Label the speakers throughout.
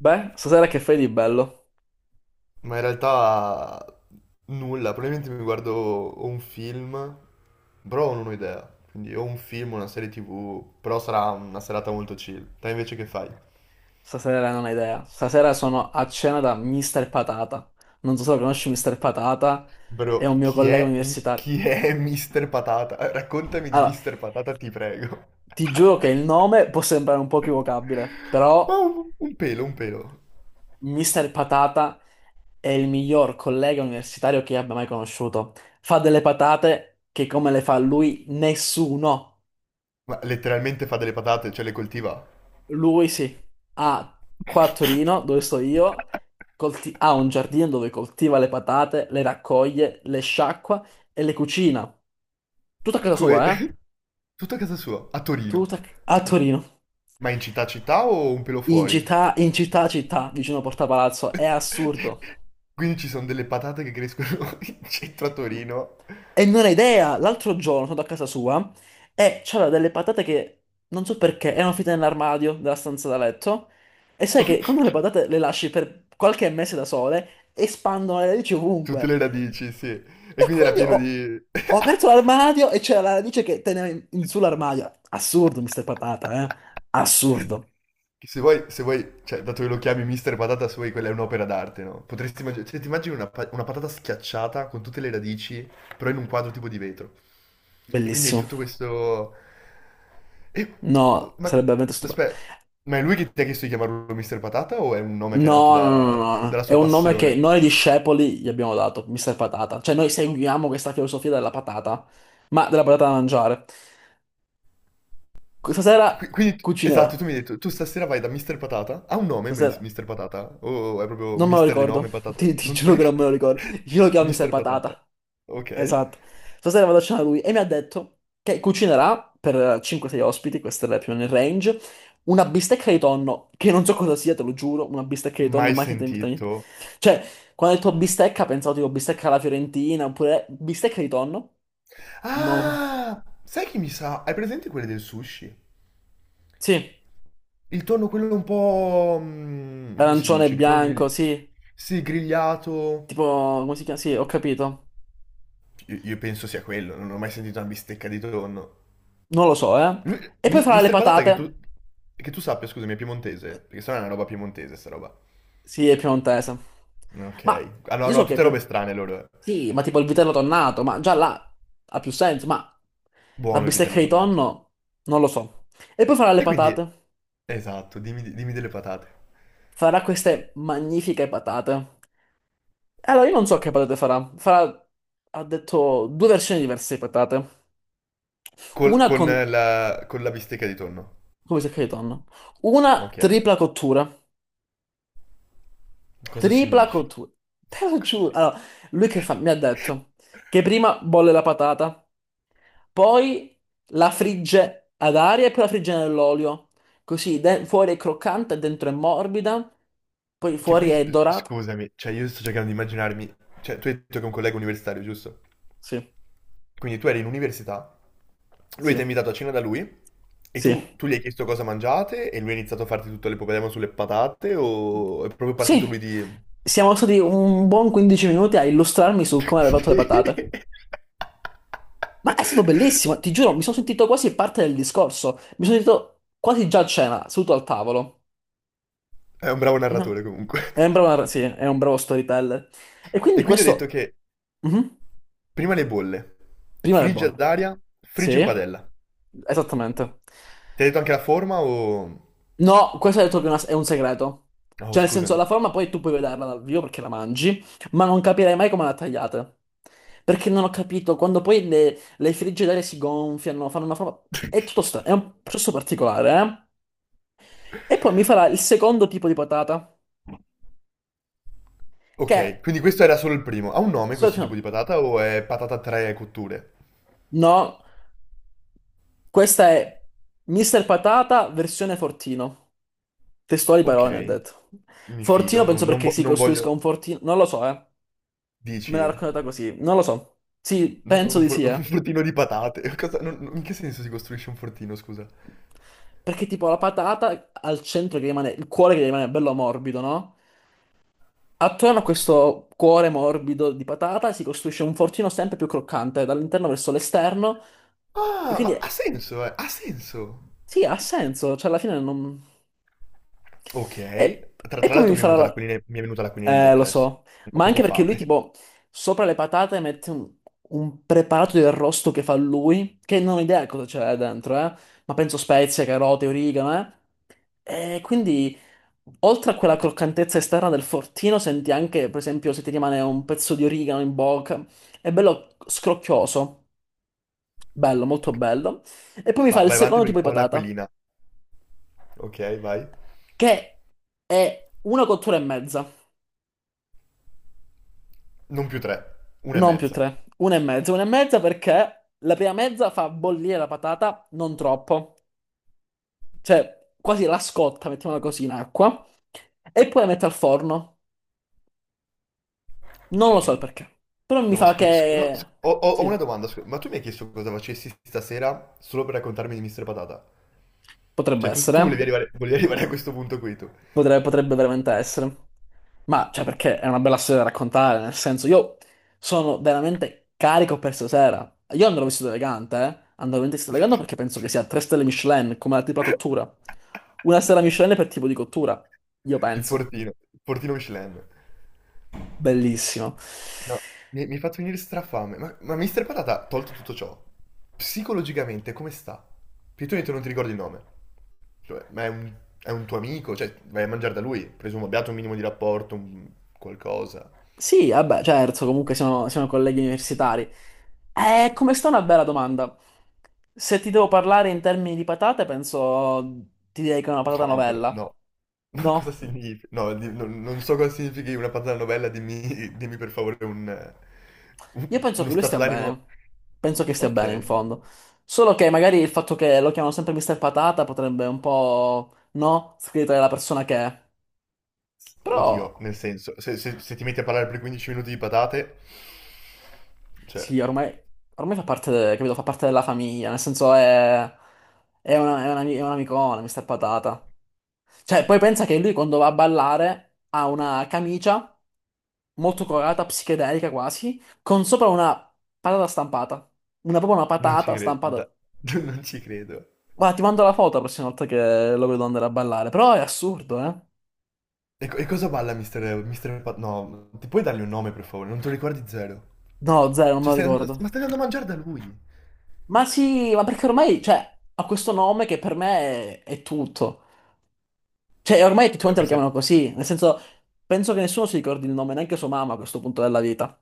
Speaker 1: Beh, stasera che fai di bello?
Speaker 2: Ma in realtà nulla, probabilmente mi guardo o un film, però non ho idea. Quindi o un film, una serie TV, però sarà una serata molto chill. Te invece che fai?
Speaker 1: Stasera non hai idea. Stasera sono a cena da Mr. Patata. Non so se lo conosci Mr. Patata, è
Speaker 2: Bro,
Speaker 1: un mio
Speaker 2: chi
Speaker 1: collega
Speaker 2: è,
Speaker 1: universitario.
Speaker 2: chi è Mr. Patata? Raccontami di
Speaker 1: Allora,
Speaker 2: Mr. Patata, ti prego.
Speaker 1: ti giuro che il nome può sembrare un po' equivocabile,
Speaker 2: Ma
Speaker 1: però
Speaker 2: un pelo, un pelo.
Speaker 1: Mr. Patata è il miglior collega universitario che io abbia mai conosciuto. Fa delle patate che come le fa lui nessuno.
Speaker 2: Ma letteralmente fa delle patate, cioè le coltiva.
Speaker 1: Lui sì, ha qua a Torino, dove sto io, ha un giardino dove coltiva le patate, le raccoglie, le sciacqua e le cucina. Tutto a casa
Speaker 2: Come...
Speaker 1: sua, eh?
Speaker 2: Tutto a casa sua, a Torino.
Speaker 1: Tutto a Torino.
Speaker 2: Ma in città città o un pelo
Speaker 1: In
Speaker 2: fuori?
Speaker 1: città, in città, città, vicino a Porta Palazzo. È assurdo.
Speaker 2: Quindi ci sono delle patate che crescono in centro a Torino,
Speaker 1: E non ho idea, l'altro giorno sono andato a casa sua e c'aveva delle patate che non so perché erano finite nell'armadio della stanza da letto. E sai che quando le patate le lasci per qualche mese da sole, espandono le radici
Speaker 2: tutte
Speaker 1: ovunque.
Speaker 2: le radici, sì. E
Speaker 1: E
Speaker 2: quindi era
Speaker 1: quindi
Speaker 2: pieno
Speaker 1: ho,
Speaker 2: di...
Speaker 1: ho aperto l'armadio e c'era la radice che teneva in sull'armadio. Assurdo, Mr. Patata, eh? Assurdo.
Speaker 2: Che Se vuoi, se vuoi, cioè, dato che lo chiami Mister Patata, se vuoi, quella è un'opera d'arte, no? Potresti immaginare, cioè, ti immagini una patata schiacciata con tutte le radici, però in un quadro tipo di vetro. E quindi hai
Speaker 1: Bellissimo.
Speaker 2: tutto questo... E-
Speaker 1: No,
Speaker 2: Ma,
Speaker 1: sarebbe veramente stupendo.
Speaker 2: aspetta, ma è lui che ti ha chiesto di chiamarlo Mister Patata o è un nome che è nato
Speaker 1: No, no, no,
Speaker 2: da-
Speaker 1: no, no.
Speaker 2: dalla
Speaker 1: È
Speaker 2: sua
Speaker 1: un nome che
Speaker 2: passione?
Speaker 1: noi discepoli gli abbiamo dato, Mr. Patata. Cioè, noi seguiamo questa filosofia della patata, ma della patata da mangiare. Stasera
Speaker 2: Quindi,
Speaker 1: cucinerà.
Speaker 2: esatto, tu mi hai detto, tu stasera vai da Mr. Patata? Ha un nome,
Speaker 1: Stasera.
Speaker 2: Mr. Patata? O è proprio
Speaker 1: Non me lo
Speaker 2: Mister di
Speaker 1: ricordo.
Speaker 2: nome, patata?
Speaker 1: Ti
Speaker 2: Non te lo
Speaker 1: giuro che non me
Speaker 2: ricordo.
Speaker 1: lo ricordo. Io lo chiamo Mr.
Speaker 2: Mr. Patata.
Speaker 1: Patata.
Speaker 2: Ok.
Speaker 1: Esatto. Stasera vado a cena da lui e mi ha detto che cucinerà per 5-6 ospiti, questa è la più nel range, una bistecca di tonno, che non so cosa sia, te lo giuro, una bistecca di tonno
Speaker 2: Mai
Speaker 1: mai sentita in vita mia.
Speaker 2: sentito.
Speaker 1: Cioè, quando ho detto bistecca, pensavo tipo bistecca alla Fiorentina, oppure bistecca di tonno? No.
Speaker 2: Ah! Sai chi mi sa? Hai presente quelle del sushi?
Speaker 1: Sì,
Speaker 2: Il tonno quello un po'... come si
Speaker 1: arancione e
Speaker 2: dice? Non
Speaker 1: bianco,
Speaker 2: grill...
Speaker 1: sì.
Speaker 2: Sì, grigliato.
Speaker 1: Tipo, come si chiama? Sì, ho capito.
Speaker 2: Io penso sia quello, non ho mai sentito una bistecca di tonno.
Speaker 1: Non lo so, eh. E poi farà le
Speaker 2: Mr. Patata che tu...
Speaker 1: patate?
Speaker 2: Che tu sappia, scusami, è piemontese, perché se no è una roba piemontese sta roba.
Speaker 1: Sì, è piemontese.
Speaker 2: Ok.
Speaker 1: Ma
Speaker 2: Ah no,
Speaker 1: io
Speaker 2: no,
Speaker 1: so che... è
Speaker 2: tutte robe
Speaker 1: pie-
Speaker 2: strane loro.
Speaker 1: Sì, ma tipo il vitello tonnato, ma già là ha più senso, ma la
Speaker 2: Buono il
Speaker 1: bistecca
Speaker 2: vitello
Speaker 1: di
Speaker 2: tornato.
Speaker 1: tonno non lo so. E poi farà le
Speaker 2: E quindi,
Speaker 1: patate.
Speaker 2: esatto, dimmi, dimmi delle patate.
Speaker 1: Farà queste magnifiche patate. Allora, io non so che patate farà. Farà, ha detto, due versioni diverse di patate.
Speaker 2: Col-
Speaker 1: Una
Speaker 2: con
Speaker 1: con,
Speaker 2: la, con la bistecca di tonno.
Speaker 1: come si chiama di tonno? Una
Speaker 2: Ok.
Speaker 1: tripla cottura.
Speaker 2: Cosa
Speaker 1: Tripla
Speaker 2: significa?
Speaker 1: cottura. Te lo
Speaker 2: Cosa
Speaker 1: giuro.
Speaker 2: significa?
Speaker 1: Allora, lui che fa? Mi ha detto che prima bolle la patata, poi la frigge ad aria e poi la frigge nell'olio. Così, fuori è croccante, dentro è morbida, poi
Speaker 2: Che
Speaker 1: fuori
Speaker 2: poi,
Speaker 1: è dorata.
Speaker 2: scusami, cioè io sto cercando di immaginarmi... Cioè, tu hai detto che è un collega universitario, giusto?
Speaker 1: Sì,
Speaker 2: Quindi tu eri in università, lui ti
Speaker 1: sì,
Speaker 2: ha invitato a cena da lui, e
Speaker 1: sì.
Speaker 2: tu gli hai chiesto cosa mangiate, e lui ha iniziato a farti tutto l'epopedema sulle patate, o è proprio partito lui
Speaker 1: Sì,
Speaker 2: di...
Speaker 1: siamo stati un buon 15 minuti a illustrarmi su come avrei fatto le patate. Ma è stato bellissimo, ti giuro, mi sono sentito quasi parte del discorso. Mi sono sentito quasi già a cena, seduto al tavolo.
Speaker 2: È un bravo narratore
Speaker 1: No,
Speaker 2: comunque.
Speaker 1: è un sì, è un bravo storyteller. E
Speaker 2: E
Speaker 1: quindi
Speaker 2: quindi ha detto
Speaker 1: questo...
Speaker 2: che
Speaker 1: Mhm.
Speaker 2: prima le bolle,
Speaker 1: Prima le
Speaker 2: friggi ad
Speaker 1: bolle.
Speaker 2: aria, friggi in
Speaker 1: Sì,
Speaker 2: padella.
Speaker 1: esattamente.
Speaker 2: Ti ha detto anche la forma o...
Speaker 1: No, questo ho detto che è un segreto.
Speaker 2: Oh,
Speaker 1: Cioè, nel senso,
Speaker 2: scusami.
Speaker 1: la forma poi tu puoi vederla dal vivo perché la mangi, ma non capirei mai come la tagliate. Perché non ho capito, quando poi le frigge d'aria si gonfiano, fanno una forma. È tutto strano, è un processo particolare, eh? E poi mi farà il secondo tipo di patata, che
Speaker 2: Ok,
Speaker 1: è...
Speaker 2: quindi questo era solo il primo. Ha un nome
Speaker 1: so-
Speaker 2: questo tipo
Speaker 1: No,
Speaker 2: di patata o è patata a tre cotture?
Speaker 1: no, questa è Mister Patata versione fortino. Testuali
Speaker 2: Ok,
Speaker 1: parole, ne ha detto.
Speaker 2: mi
Speaker 1: Fortino
Speaker 2: fido, non,
Speaker 1: penso
Speaker 2: non
Speaker 1: perché
Speaker 2: vo-
Speaker 1: si
Speaker 2: non
Speaker 1: costruisca
Speaker 2: voglio...
Speaker 1: un fortino, non lo so, eh. Me
Speaker 2: Dici,
Speaker 1: l'ha raccontata così, non lo so. Sì, penso
Speaker 2: un,
Speaker 1: di
Speaker 2: fr-
Speaker 1: sì, eh.
Speaker 2: un fortino di patate. In che senso si costruisce un fortino, scusa?
Speaker 1: Perché tipo la patata al centro che rimane, il cuore che rimane bello morbido, no? Attorno a questo cuore morbido di patata si costruisce un fortino sempre più croccante, dall'interno verso l'esterno. E
Speaker 2: Ah,
Speaker 1: quindi,
Speaker 2: ma ha senso, ha senso.
Speaker 1: sì, ha senso, cioè alla fine non... E,
Speaker 2: Ok. Tra,
Speaker 1: e
Speaker 2: tra
Speaker 1: poi
Speaker 2: l'altro
Speaker 1: mi
Speaker 2: mi è
Speaker 1: farà...
Speaker 2: venuta
Speaker 1: la-
Speaker 2: l'aquilina, mi è venuta l'aquilina in
Speaker 1: Lo
Speaker 2: bocca adesso.
Speaker 1: so,
Speaker 2: Ho
Speaker 1: ma anche
Speaker 2: proprio
Speaker 1: perché lui
Speaker 2: fame.
Speaker 1: tipo sopra le patate mette un preparato di arrosto che fa lui, che non ho idea cosa c'è dentro, ma penso spezie, carote, origano, eh. E quindi oltre a quella croccantezza esterna del fortino senti anche, per esempio, se ti rimane un pezzo di origano in bocca, è bello scrocchioso, bello, molto
Speaker 2: Ok.
Speaker 1: bello. E poi mi fa
Speaker 2: Va-
Speaker 1: il
Speaker 2: vai avanti
Speaker 1: secondo tipo
Speaker 2: perché
Speaker 1: di
Speaker 2: ho
Speaker 1: patata,
Speaker 2: l'aquilina. Ok, vai.
Speaker 1: che è una cottura e mezza.
Speaker 2: Non più tre. Una e
Speaker 1: Non più
Speaker 2: mezza.
Speaker 1: tre, una e mezza perché la prima mezza fa bollire la patata, non troppo, cioè quasi la scotta, mettiamola così, in acqua, e poi la metto al forno.
Speaker 2: Ok.
Speaker 1: Non lo so il perché, però mi
Speaker 2: No, ma
Speaker 1: fa
Speaker 2: scusa, no,
Speaker 1: che.
Speaker 2: ho una
Speaker 1: Sì,
Speaker 2: domanda, scusa. Ma tu mi hai chiesto cosa facessi stasera solo per raccontarmi di Mister Patata?
Speaker 1: potrebbe
Speaker 2: Cioè, tu,
Speaker 1: essere,
Speaker 2: tu volevi
Speaker 1: eh.
Speaker 2: arrivare, volevi arrivare a questo punto qui, tu.
Speaker 1: Potrebbe veramente essere. Ma, cioè, perché è una bella storia da raccontare, nel senso, io sono veramente carico per stasera. Io andrò vestito elegante, eh. Andrò veramente vestito elegante perché penso che sia 3 stelle Michelin, come la tipa cottura. Una stella Michelin per tipo di cottura, io
Speaker 2: Il
Speaker 1: penso.
Speaker 2: fortino. Il fortino Michelin.
Speaker 1: Bellissimo.
Speaker 2: No, mi hai fatto venire strafame. Ma Mister Patata, tolto tutto ciò, psicologicamente come sta? Perché tu hai detto non ti ricordi il nome. Cioè, ma è un tuo amico, cioè, vai a mangiare da lui, presumo abbiate un minimo di rapporto, qualcosa.
Speaker 1: Sì, vabbè, certo, comunque siamo colleghi universitari. Come sta, una bella domanda. Se ti devo parlare in termini di patate, penso ti direi che è una patata
Speaker 2: No, bro,
Speaker 1: novella.
Speaker 2: no. Ma cosa
Speaker 1: No?
Speaker 2: significa? No, non so cosa significhi una patata novella, dimmi, dimmi per favore un, eh,
Speaker 1: Io
Speaker 2: un-
Speaker 1: penso
Speaker 2: uno
Speaker 1: che lui
Speaker 2: stato
Speaker 1: stia
Speaker 2: d'animo...
Speaker 1: bene. Penso che stia bene, in
Speaker 2: Ok.
Speaker 1: fondo. Solo che magari il fatto che lo chiamano sempre Mr. Patata potrebbe un po', no, scrivere la persona che è.
Speaker 2: Oddio,
Speaker 1: Però.
Speaker 2: nel senso, se ti metti a parlare per 15 minuti di patate, cioè...
Speaker 1: Sì, ormai fa parte, capito, fa parte della famiglia, nel senso è un'amicona, Mr. Patata. Cioè, poi pensa che lui quando va a ballare ha una camicia molto colorata, psichedelica quasi, con sopra una patata stampata. Una, proprio una
Speaker 2: Non ci
Speaker 1: patata
Speaker 2: credo.
Speaker 1: stampata.
Speaker 2: Non ci credo.
Speaker 1: Guarda, ti mando la foto la prossima volta che lo vedo andare a ballare, però è assurdo, eh?
Speaker 2: E cosa balla Mister... No, ti puoi dargli un nome per favore? Non te lo ricordi zero.
Speaker 1: No, zero, non me
Speaker 2: Cioè,
Speaker 1: lo
Speaker 2: stai andando- ma
Speaker 1: ricordo.
Speaker 2: stai andando a mangiare da lui.
Speaker 1: Ma sì, ma perché ormai, cioè, ha questo nome che per me è tutto. Cioè, ormai
Speaker 2: Beh,
Speaker 1: effettivamente
Speaker 2: mi
Speaker 1: la
Speaker 2: sem-
Speaker 1: chiamano così, nel senso, penso che nessuno si ricordi il nome, neanche sua mamma a questo punto della vita.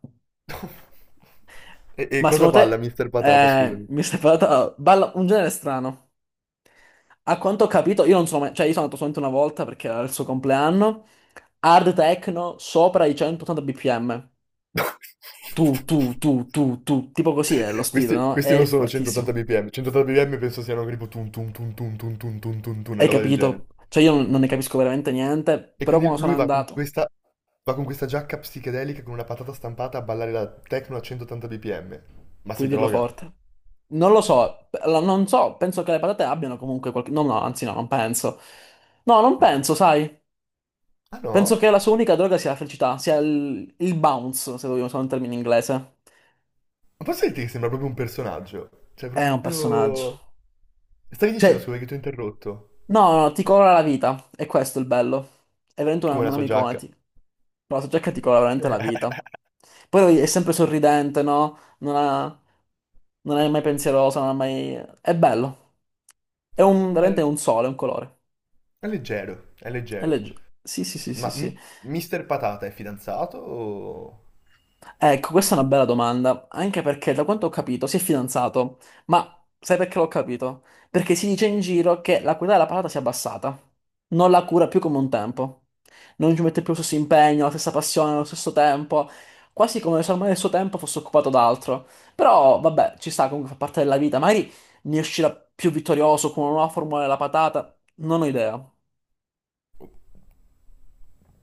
Speaker 2: E
Speaker 1: Ma
Speaker 2: cosa
Speaker 1: secondo
Speaker 2: balla
Speaker 1: te,
Speaker 2: Mister Patata, scusami?
Speaker 1: mi stai parlando, balla un genere strano. A quanto ho capito, io non sono mai, cioè io sono andato solamente una volta perché era il suo compleanno, hard techno sopra i 180 bpm. Tu, tu, tu, tu, tu, tipo così è lo stile,
Speaker 2: Questi,
Speaker 1: no?
Speaker 2: questi
Speaker 1: È
Speaker 2: non sono 180
Speaker 1: fortissimo.
Speaker 2: bpm, 180 bpm penso siano tipo tum tum tum tum tum tum tum tum tum, una
Speaker 1: Hai
Speaker 2: roba del
Speaker 1: capito?
Speaker 2: genere.
Speaker 1: Cioè io non ne capisco veramente niente,
Speaker 2: E
Speaker 1: però
Speaker 2: quindi
Speaker 1: quando sono
Speaker 2: lui va con
Speaker 1: andato.
Speaker 2: questa, va con questa giacca psichedelica con una patata stampata a ballare la techno a 180 bpm. Ma
Speaker 1: Puoi
Speaker 2: si
Speaker 1: dirlo
Speaker 2: droga?
Speaker 1: forte. Non lo so, non so, penso che le patate abbiano comunque qualche. No, no, anzi no, non penso. No, non
Speaker 2: No.
Speaker 1: penso, sai.
Speaker 2: Ah
Speaker 1: Penso
Speaker 2: no?
Speaker 1: che la sua unica droga sia la felicità, sia il bounce, se vogliamo usare un termine inglese.
Speaker 2: Ma posso dirti che sembra proprio un personaggio? Cioè,
Speaker 1: È un
Speaker 2: proprio...
Speaker 1: personaggio.
Speaker 2: Stavi dicendo,
Speaker 1: Cioè,
Speaker 2: scusa, che ti ho interrotto.
Speaker 1: no, no, no, ti colora la vita. È questo è il bello. È veramente una,
Speaker 2: Come la sua
Speaker 1: un'amicona.
Speaker 2: giacca.
Speaker 1: Ti. Però la giacca ti colora veramente la vita. Poi lui è sempre sorridente, no? Non è mai pensieroso, non è mai. È bello. È veramente
Speaker 2: È,
Speaker 1: un sole, un colore.
Speaker 2: è leggero, è
Speaker 1: È
Speaker 2: leggero.
Speaker 1: leggero. Sì, sì, sì, sì,
Speaker 2: Ma
Speaker 1: sì.
Speaker 2: Mister Patata è fidanzato o...
Speaker 1: Ecco, questa è una bella domanda, anche perché da quanto ho capito si è fidanzato, ma sai perché l'ho capito? Perché si dice in giro che la qualità della patata si è abbassata, non la cura più come un tempo, non ci mette più lo stesso impegno, la stessa passione, lo stesso tempo, quasi come se ormai il suo tempo fosse occupato da altro. Però vabbè, ci sta, comunque fa parte della vita, magari ne uscirà più vittorioso con una nuova formula della patata, non ho idea.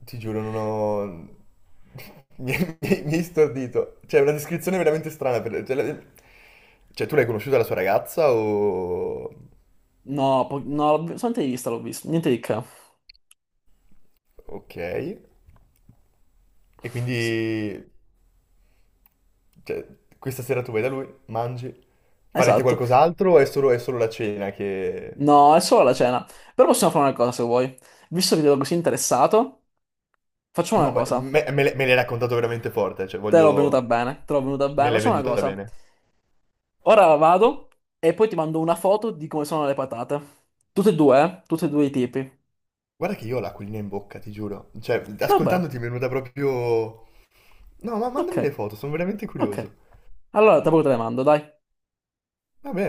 Speaker 2: Ti giuro, non ho... Mi, mi hai stordito. Cioè, è una descrizione veramente strana. Cioè, cioè, tu l'hai conosciuta la sua ragazza o...
Speaker 1: No, no, solamente di vista l'ho visto, niente di che.
Speaker 2: Ok. E
Speaker 1: Sì,
Speaker 2: quindi Cioè, questa sera tu vai da lui, mangi, farete
Speaker 1: esatto.
Speaker 2: qualcos'altro o è solo la cena che...
Speaker 1: No, è solo la cena. Però possiamo fare una cosa se vuoi. Visto che ti vedo così interessato, facciamo una
Speaker 2: No, ma
Speaker 1: cosa.
Speaker 2: me l'hai raccontato veramente forte, cioè
Speaker 1: Te l'ho venuta
Speaker 2: voglio...
Speaker 1: bene, te l'ho venuta
Speaker 2: me
Speaker 1: bene.
Speaker 2: l'hai
Speaker 1: Facciamo una
Speaker 2: venduta
Speaker 1: cosa.
Speaker 2: bene.
Speaker 1: Ora vado e poi ti mando una foto di come sono le patate. Tutte e due, eh? Tutti e due i tipi.
Speaker 2: Guarda che io ho l'acquolina in bocca, ti giuro. Cioè,
Speaker 1: Va bene.
Speaker 2: ascoltandoti mi è venuta proprio... No, ma
Speaker 1: Ok,
Speaker 2: mandami le foto, sono veramente curioso.
Speaker 1: ok. Allora, dopo te le mando, dai.
Speaker 2: Vabbè.